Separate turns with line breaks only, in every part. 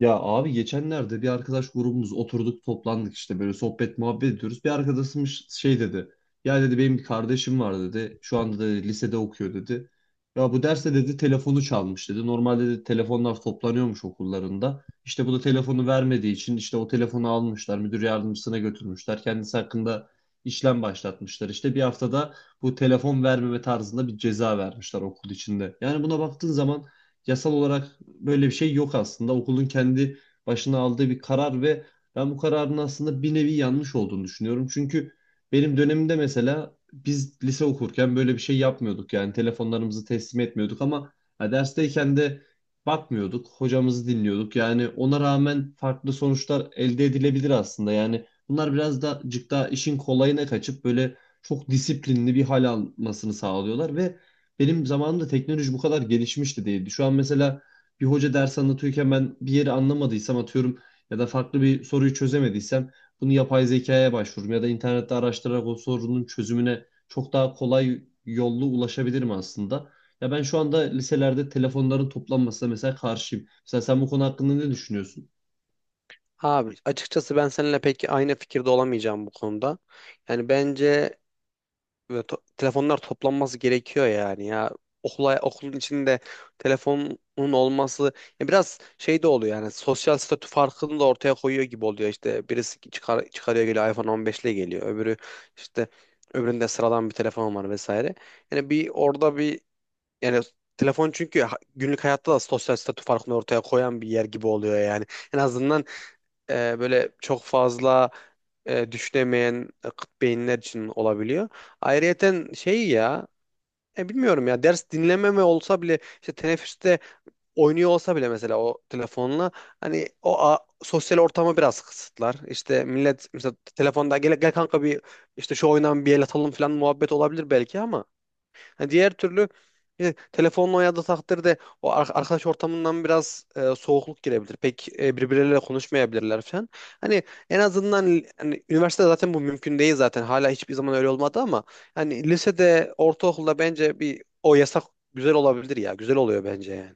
Ya abi geçenlerde bir arkadaş grubumuz oturduk toplandık işte böyle sohbet muhabbet ediyoruz. Bir arkadaşımız şey dedi. Ya dedi benim bir kardeşim var dedi. Şu anda da lisede okuyor dedi. Ya bu derste dedi telefonu çalmış dedi. Normalde dedi telefonlar toplanıyormuş okullarında. İşte bu da telefonu vermediği için işte o telefonu almışlar. Müdür yardımcısına götürmüşler. Kendisi hakkında işlem başlatmışlar. İşte bir haftada bu telefon vermeme tarzında bir ceza vermişler okul içinde. Yani buna baktığın zaman yasal olarak böyle bir şey yok aslında. Okulun kendi başına aldığı bir karar ve ben bu kararın aslında bir nevi yanlış olduğunu düşünüyorum. Çünkü benim dönemimde mesela biz lise okurken böyle bir şey yapmıyorduk. Yani telefonlarımızı teslim etmiyorduk ama ha, dersteyken de bakmıyorduk. Hocamızı dinliyorduk. Yani ona rağmen farklı sonuçlar elde edilebilir aslında. Yani bunlar biraz da cık daha işin kolayına kaçıp böyle çok disiplinli bir hal almasını sağlıyorlar ve benim zamanımda teknoloji bu kadar gelişmişti değildi. Şu an mesela bir hoca ders anlatıyorken ben bir yeri anlamadıysam, atıyorum, ya da farklı bir soruyu çözemediysem bunu yapay zekaya başvururum ya da internette araştırarak o sorunun çözümüne çok daha kolay yollu ulaşabilirim aslında. Ya ben şu anda liselerde telefonların toplanmasına mesela karşıyım. Mesela sen bu konu hakkında ne düşünüyorsun?
Abi açıkçası ben seninle pek aynı fikirde olamayacağım bu konuda. Yani bence telefonlar toplanması gerekiyor yani ya. Okula, okulun içinde telefonun olması ya biraz şey de oluyor yani sosyal statü farkını da ortaya koyuyor gibi oluyor. İşte birisi çıkarıyor geliyor, iPhone 15 ile geliyor, öbürü işte öbüründe sıradan bir telefon var vesaire. Yani bir orada bir yani telefon çünkü günlük hayatta da sosyal statü farkını ortaya koyan bir yer gibi oluyor yani. En azından böyle çok fazla düşünemeyen kıt beyinler için olabiliyor. Ayrıyeten şey ya, bilmiyorum ya, ders dinlememe olsa bile işte teneffüste oynuyor olsa bile mesela o telefonla hani sosyal ortamı biraz kısıtlar. İşte millet mesela telefonda "Gel, gel kanka, bir işte şu oyundan bir el atalım" falan muhabbet olabilir belki ama. Ha, diğer türlü telefonla oynadığı takdirde o arkadaş ortamından biraz soğukluk girebilir. Pek birbirleriyle konuşmayabilirler falan. Hani en azından hani, üniversitede zaten bu mümkün değil zaten. Hala hiçbir zaman öyle olmadı ama hani lisede, ortaokulda bence bir o yasak güzel olabilir ya. Güzel oluyor bence yani.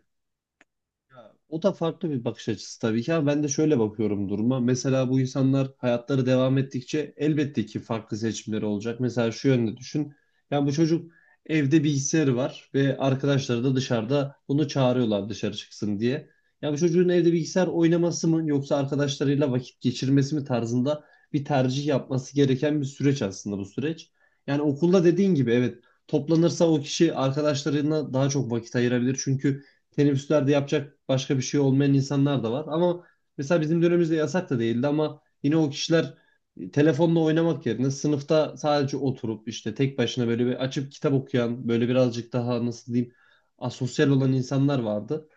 Ya, o da farklı bir bakış açısı tabii ki, ama ben de şöyle bakıyorum duruma. Mesela bu insanlar hayatları devam ettikçe elbette ki farklı seçimleri olacak. Mesela şu yönde düşün. Yani bu çocuk evde bilgisayarı var ve arkadaşları da dışarıda bunu çağırıyorlar dışarı çıksın diye. Ya bu çocuğun evde bilgisayar oynaması mı yoksa arkadaşlarıyla vakit geçirmesi mi tarzında bir tercih yapması gereken bir süreç aslında bu süreç. Yani okulda dediğin gibi, evet, toplanırsa o kişi arkadaşlarına daha çok vakit ayırabilir. Çünkü teneffüslerde yapacak başka bir şey olmayan insanlar da var. Ama mesela bizim dönemimizde yasak da değildi, ama yine o kişiler telefonla oynamak yerine sınıfta sadece oturup işte tek başına böyle bir açıp kitap okuyan, böyle birazcık daha, nasıl diyeyim, asosyal olan insanlar vardı.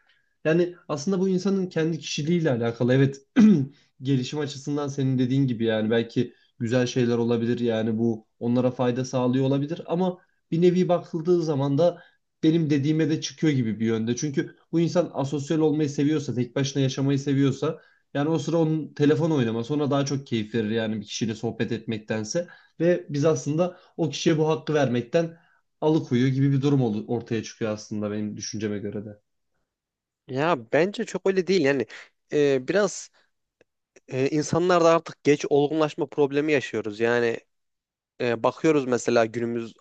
Yani aslında bu insanın kendi kişiliğiyle alakalı. Evet, gelişim açısından senin dediğin gibi yani belki güzel şeyler olabilir, yani bu onlara fayda sağlıyor olabilir, ama bir nevi bakıldığı zaman da benim dediğime de çıkıyor gibi bir yönde. Çünkü bu insan asosyal olmayı seviyorsa, tek başına yaşamayı seviyorsa, yani o sıra onun telefon oynaması ona daha çok keyif verir yani, bir kişiyle sohbet etmektense. Ve biz aslında o kişiye bu hakkı vermekten alıkoyuyor gibi bir durum ortaya çıkıyor aslında, benim düşünceme göre de.
Ya bence çok öyle değil yani. Biraz insanlarda artık geç olgunlaşma problemi yaşıyoruz yani. Bakıyoruz mesela günümüz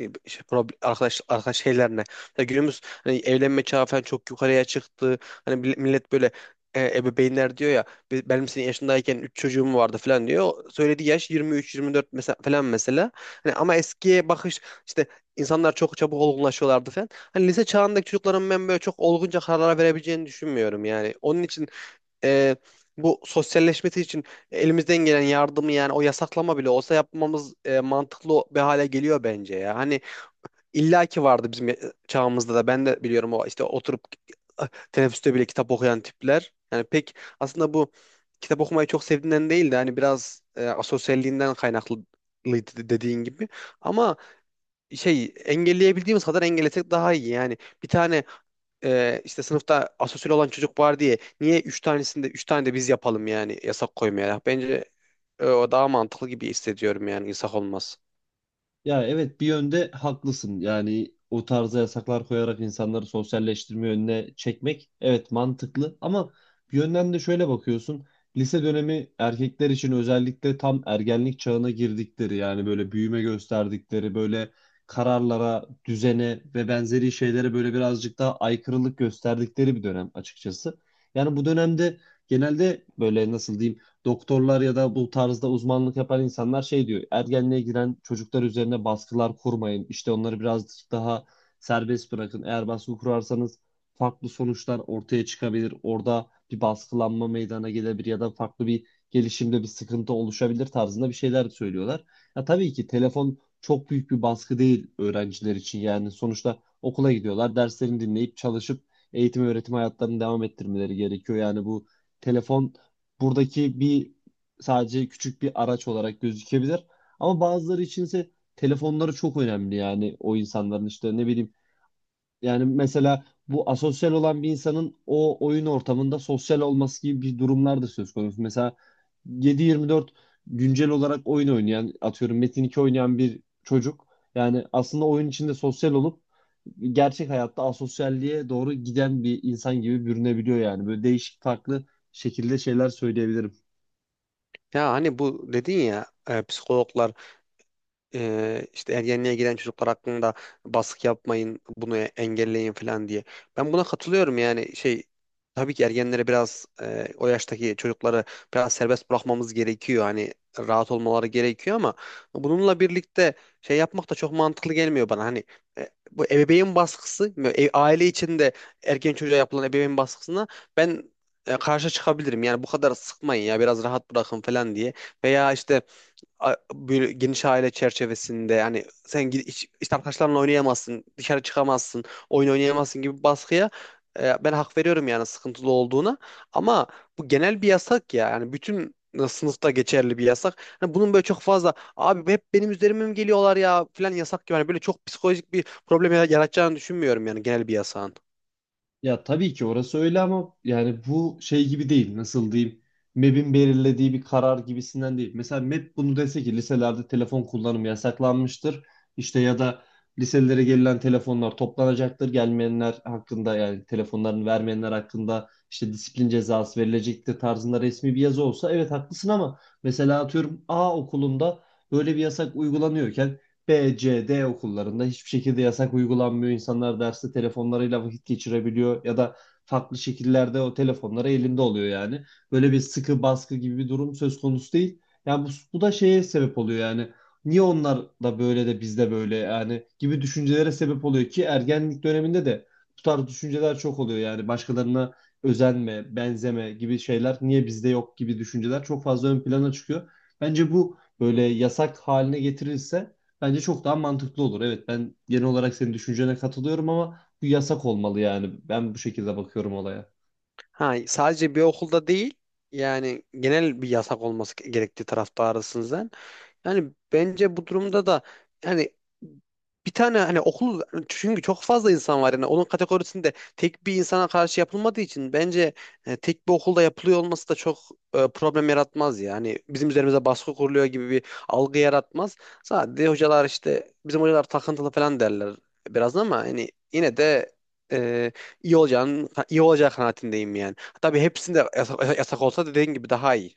işte arkadaş arkadaş şeylerine. Mesela günümüz hani evlenme çağı falan çok yukarıya çıktı. Hani millet böyle ebeveynler diyor ya, Benim senin yaşındayken 3 çocuğum vardı" falan diyor. Söylediği yaş 23-24 mesela falan mesela. Hani ama eskiye bakış işte insanlar çok çabuk olgunlaşıyorlardı falan. Hani lise çağındaki çocukların ben böyle çok olgunca kararlar verebileceğini düşünmüyorum yani. Onun için e, bu sosyalleşmesi için elimizden gelen yardımı, yani o yasaklama bile olsa, yapmamız mantıklı bir hale geliyor bence ya. Hani illaki vardı bizim çağımızda da, ben de biliyorum, o işte oturup e, teneffüste bile kitap okuyan tipler. Yani pek aslında bu kitap okumayı çok sevdiğinden değil de hani biraz asosyalliğinden kaynaklıydı, dediğin gibi. Ama şey, engelleyebildiğimiz kadar engellesek daha iyi. Yani bir tane işte sınıfta asosyal olan çocuk var diye niye üç tanesinde üç tane de biz yapalım yani yasak koymaya. Bence o daha mantıklı gibi hissediyorum yani yasak olmaz.
Ya evet, bir yönde haklısın. Yani o tarzda yasaklar koyarak insanları sosyalleştirme yönüne çekmek, evet, mantıklı, ama bir yönden de şöyle bakıyorsun. Lise dönemi erkekler için özellikle tam ergenlik çağına girdikleri, yani böyle büyüme gösterdikleri, böyle kararlara, düzene ve benzeri şeylere böyle birazcık daha aykırılık gösterdikleri bir dönem açıkçası. Yani bu dönemde genelde böyle, nasıl diyeyim, doktorlar ya da bu tarzda uzmanlık yapan insanlar şey diyor. Ergenliğe giren çocuklar üzerine baskılar kurmayın. İşte onları biraz daha serbest bırakın. Eğer baskı kurarsanız farklı sonuçlar ortaya çıkabilir. Orada bir baskılanma meydana gelebilir ya da farklı bir gelişimde bir sıkıntı oluşabilir tarzında bir şeyler söylüyorlar. Ya tabii ki telefon çok büyük bir baskı değil öğrenciler için. Yani sonuçta okula gidiyorlar, derslerini dinleyip çalışıp eğitim öğretim hayatlarını devam ettirmeleri gerekiyor. Yani bu telefon buradaki bir, sadece küçük bir araç olarak gözükebilir. Ama bazıları içinse telefonları çok önemli, yani o insanların işte, ne bileyim, yani mesela bu asosyal olan bir insanın o oyun ortamında sosyal olması gibi bir durumlar da söz konusu. Mesela 7-24 güncel olarak oyun oynayan, atıyorum, Metin 2 oynayan bir çocuk yani aslında oyun içinde sosyal olup gerçek hayatta asosyalliğe doğru giden bir insan gibi bürünebiliyor yani. Böyle değişik, farklı şekilde şeyler söyleyebilirim.
Ya hani bu dedin ya, psikologlar işte ergenliğe giren çocuklar hakkında baskı yapmayın, bunu engelleyin falan diye. Ben buna katılıyorum yani şey, tabii ki ergenlere biraz, o yaştaki çocukları biraz serbest bırakmamız gerekiyor. Hani rahat olmaları gerekiyor ama bununla birlikte şey yapmak da çok mantıklı gelmiyor bana. Hani bu ebeveyn baskısı, aile içinde ergen çocuğa yapılan ebeveyn baskısına ben karşı çıkabilirim. Yani bu kadar sıkmayın ya, biraz rahat bırakın falan diye. Veya işte böyle geniş aile çerçevesinde yani işte arkadaşlarınla oynayamazsın, dışarı çıkamazsın, oyun oynayamazsın gibi baskıya ben hak veriyorum yani sıkıntılı olduğuna. Ama bu genel bir yasak ya. Yani bütün sınıfta geçerli bir yasak. Hani bunun böyle çok fazla "Abi hep benim üzerime mi geliyorlar ya" falan yasak gibi. Yani böyle çok psikolojik bir problem yaratacağını düşünmüyorum yani genel bir yasağın.
Ya tabii ki orası öyle, ama yani bu şey gibi değil. Nasıl diyeyim? MEB'in belirlediği bir karar gibisinden değil. Mesela MEB bunu dese ki liselerde telefon kullanımı yasaklanmıştır. İşte ya da liselere gelen telefonlar toplanacaktır. Gelmeyenler hakkında, yani telefonlarını vermeyenler hakkında işte disiplin cezası verilecektir tarzında resmi bir yazı olsa evet haklısın, ama mesela atıyorum A okulunda böyle bir yasak uygulanıyorken B, C, D okullarında hiçbir şekilde yasak uygulanmıyor. İnsanlar derste telefonlarıyla vakit geçirebiliyor ya da farklı şekillerde o telefonları elinde oluyor yani. Böyle bir sıkı baskı gibi bir durum söz konusu değil. Yani bu da şeye sebep oluyor yani. Niye onlar da böyle de bizde böyle yani gibi düşüncelere sebep oluyor ki ergenlik döneminde de bu tarz düşünceler çok oluyor, yani başkalarına özenme, benzeme gibi şeyler niye bizde yok gibi düşünceler çok fazla ön plana çıkıyor. Bence bu böyle yasak haline getirilse bence çok daha mantıklı olur. Evet, ben genel olarak senin düşüncene katılıyorum, ama bu yasak olmalı yani. Ben bu şekilde bakıyorum olaya.
Ha, sadece bir okulda değil yani genel bir yasak olması gerektiği taraftarısınız. Yani bence bu durumda da yani bir tane hani okul, çünkü çok fazla insan var yani onun kategorisinde, tek bir insana karşı yapılmadığı için bence tek bir okulda yapılıyor olması da çok problem yaratmaz, yani bizim üzerimize baskı kuruluyor gibi bir algı yaratmaz. Sadece hocalar işte bizim hocalar takıntılı falan derler biraz ama hani yine de e, iyi olacağı kanaatindeyim yani. Tabii hepsinde yasak, yasak olsa dediğin gibi daha iyi.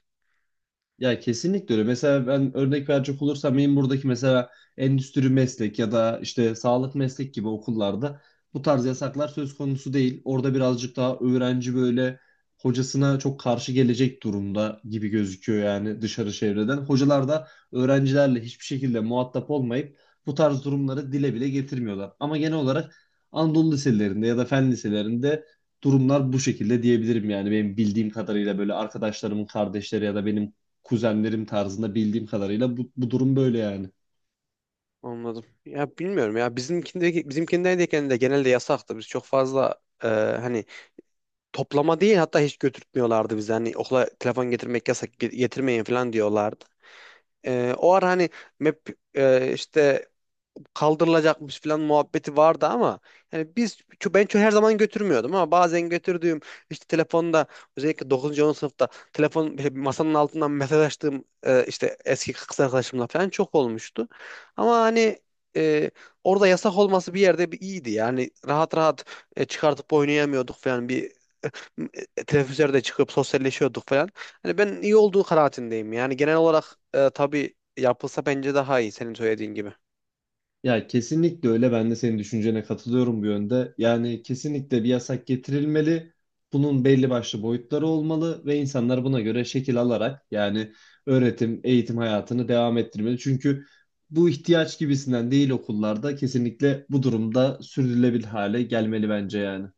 Ya kesinlikle öyle. Mesela ben örnek verecek olursam, benim buradaki mesela endüstri meslek ya da işte sağlık meslek gibi okullarda bu tarz yasaklar söz konusu değil. Orada birazcık daha öğrenci böyle hocasına çok karşı gelecek durumda gibi gözüküyor yani, dışarı çevreden. Hocalar da öğrencilerle hiçbir şekilde muhatap olmayıp bu tarz durumları dile bile getirmiyorlar. Ama genel olarak Anadolu liselerinde ya da fen liselerinde durumlar bu şekilde diyebilirim, yani benim bildiğim kadarıyla böyle arkadaşlarımın kardeşleri ya da benim kuzenlerim tarzında bildiğim kadarıyla bu durum böyle yani.
Anladım. Ya bilmiyorum ya, bizimkindeyken de genelde yasaktı. Biz çok fazla hani toplama değil, hatta hiç götürtmüyorlardı bizi. Hani okula telefon getirmek yasak, getirmeyin falan diyorlardı. E, o ara hani map işte kaldırılacakmış falan muhabbeti vardı ama yani biz ço- ben ço- her zaman götürmüyordum ama bazen götürdüğüm işte telefonda, özellikle dokuzuncu 10'uncu sınıfta, telefon böyle masanın altından mesaj açtığım, işte eski kız arkadaşımla falan çok olmuştu. Ama hani e, orada yasak olması bir yerde bir iyiydi. Yani rahat rahat çıkartıp oynayamıyorduk falan, bir teneffüslerde çıkıp sosyalleşiyorduk falan. Hani ben iyi olduğu kanaatindeyim. Yani genel olarak tabii yapılsa bence daha iyi, senin söylediğin gibi.
Ya kesinlikle öyle. Ben de senin düşüncene katılıyorum bu yönde. Yani kesinlikle bir yasak getirilmeli. Bunun belli başlı boyutları olmalı ve insanlar buna göre şekil alarak yani öğretim, eğitim hayatını devam ettirmeli. Çünkü bu ihtiyaç gibisinden değil, okullarda kesinlikle bu durumda sürdürülebilir hale gelmeli bence yani.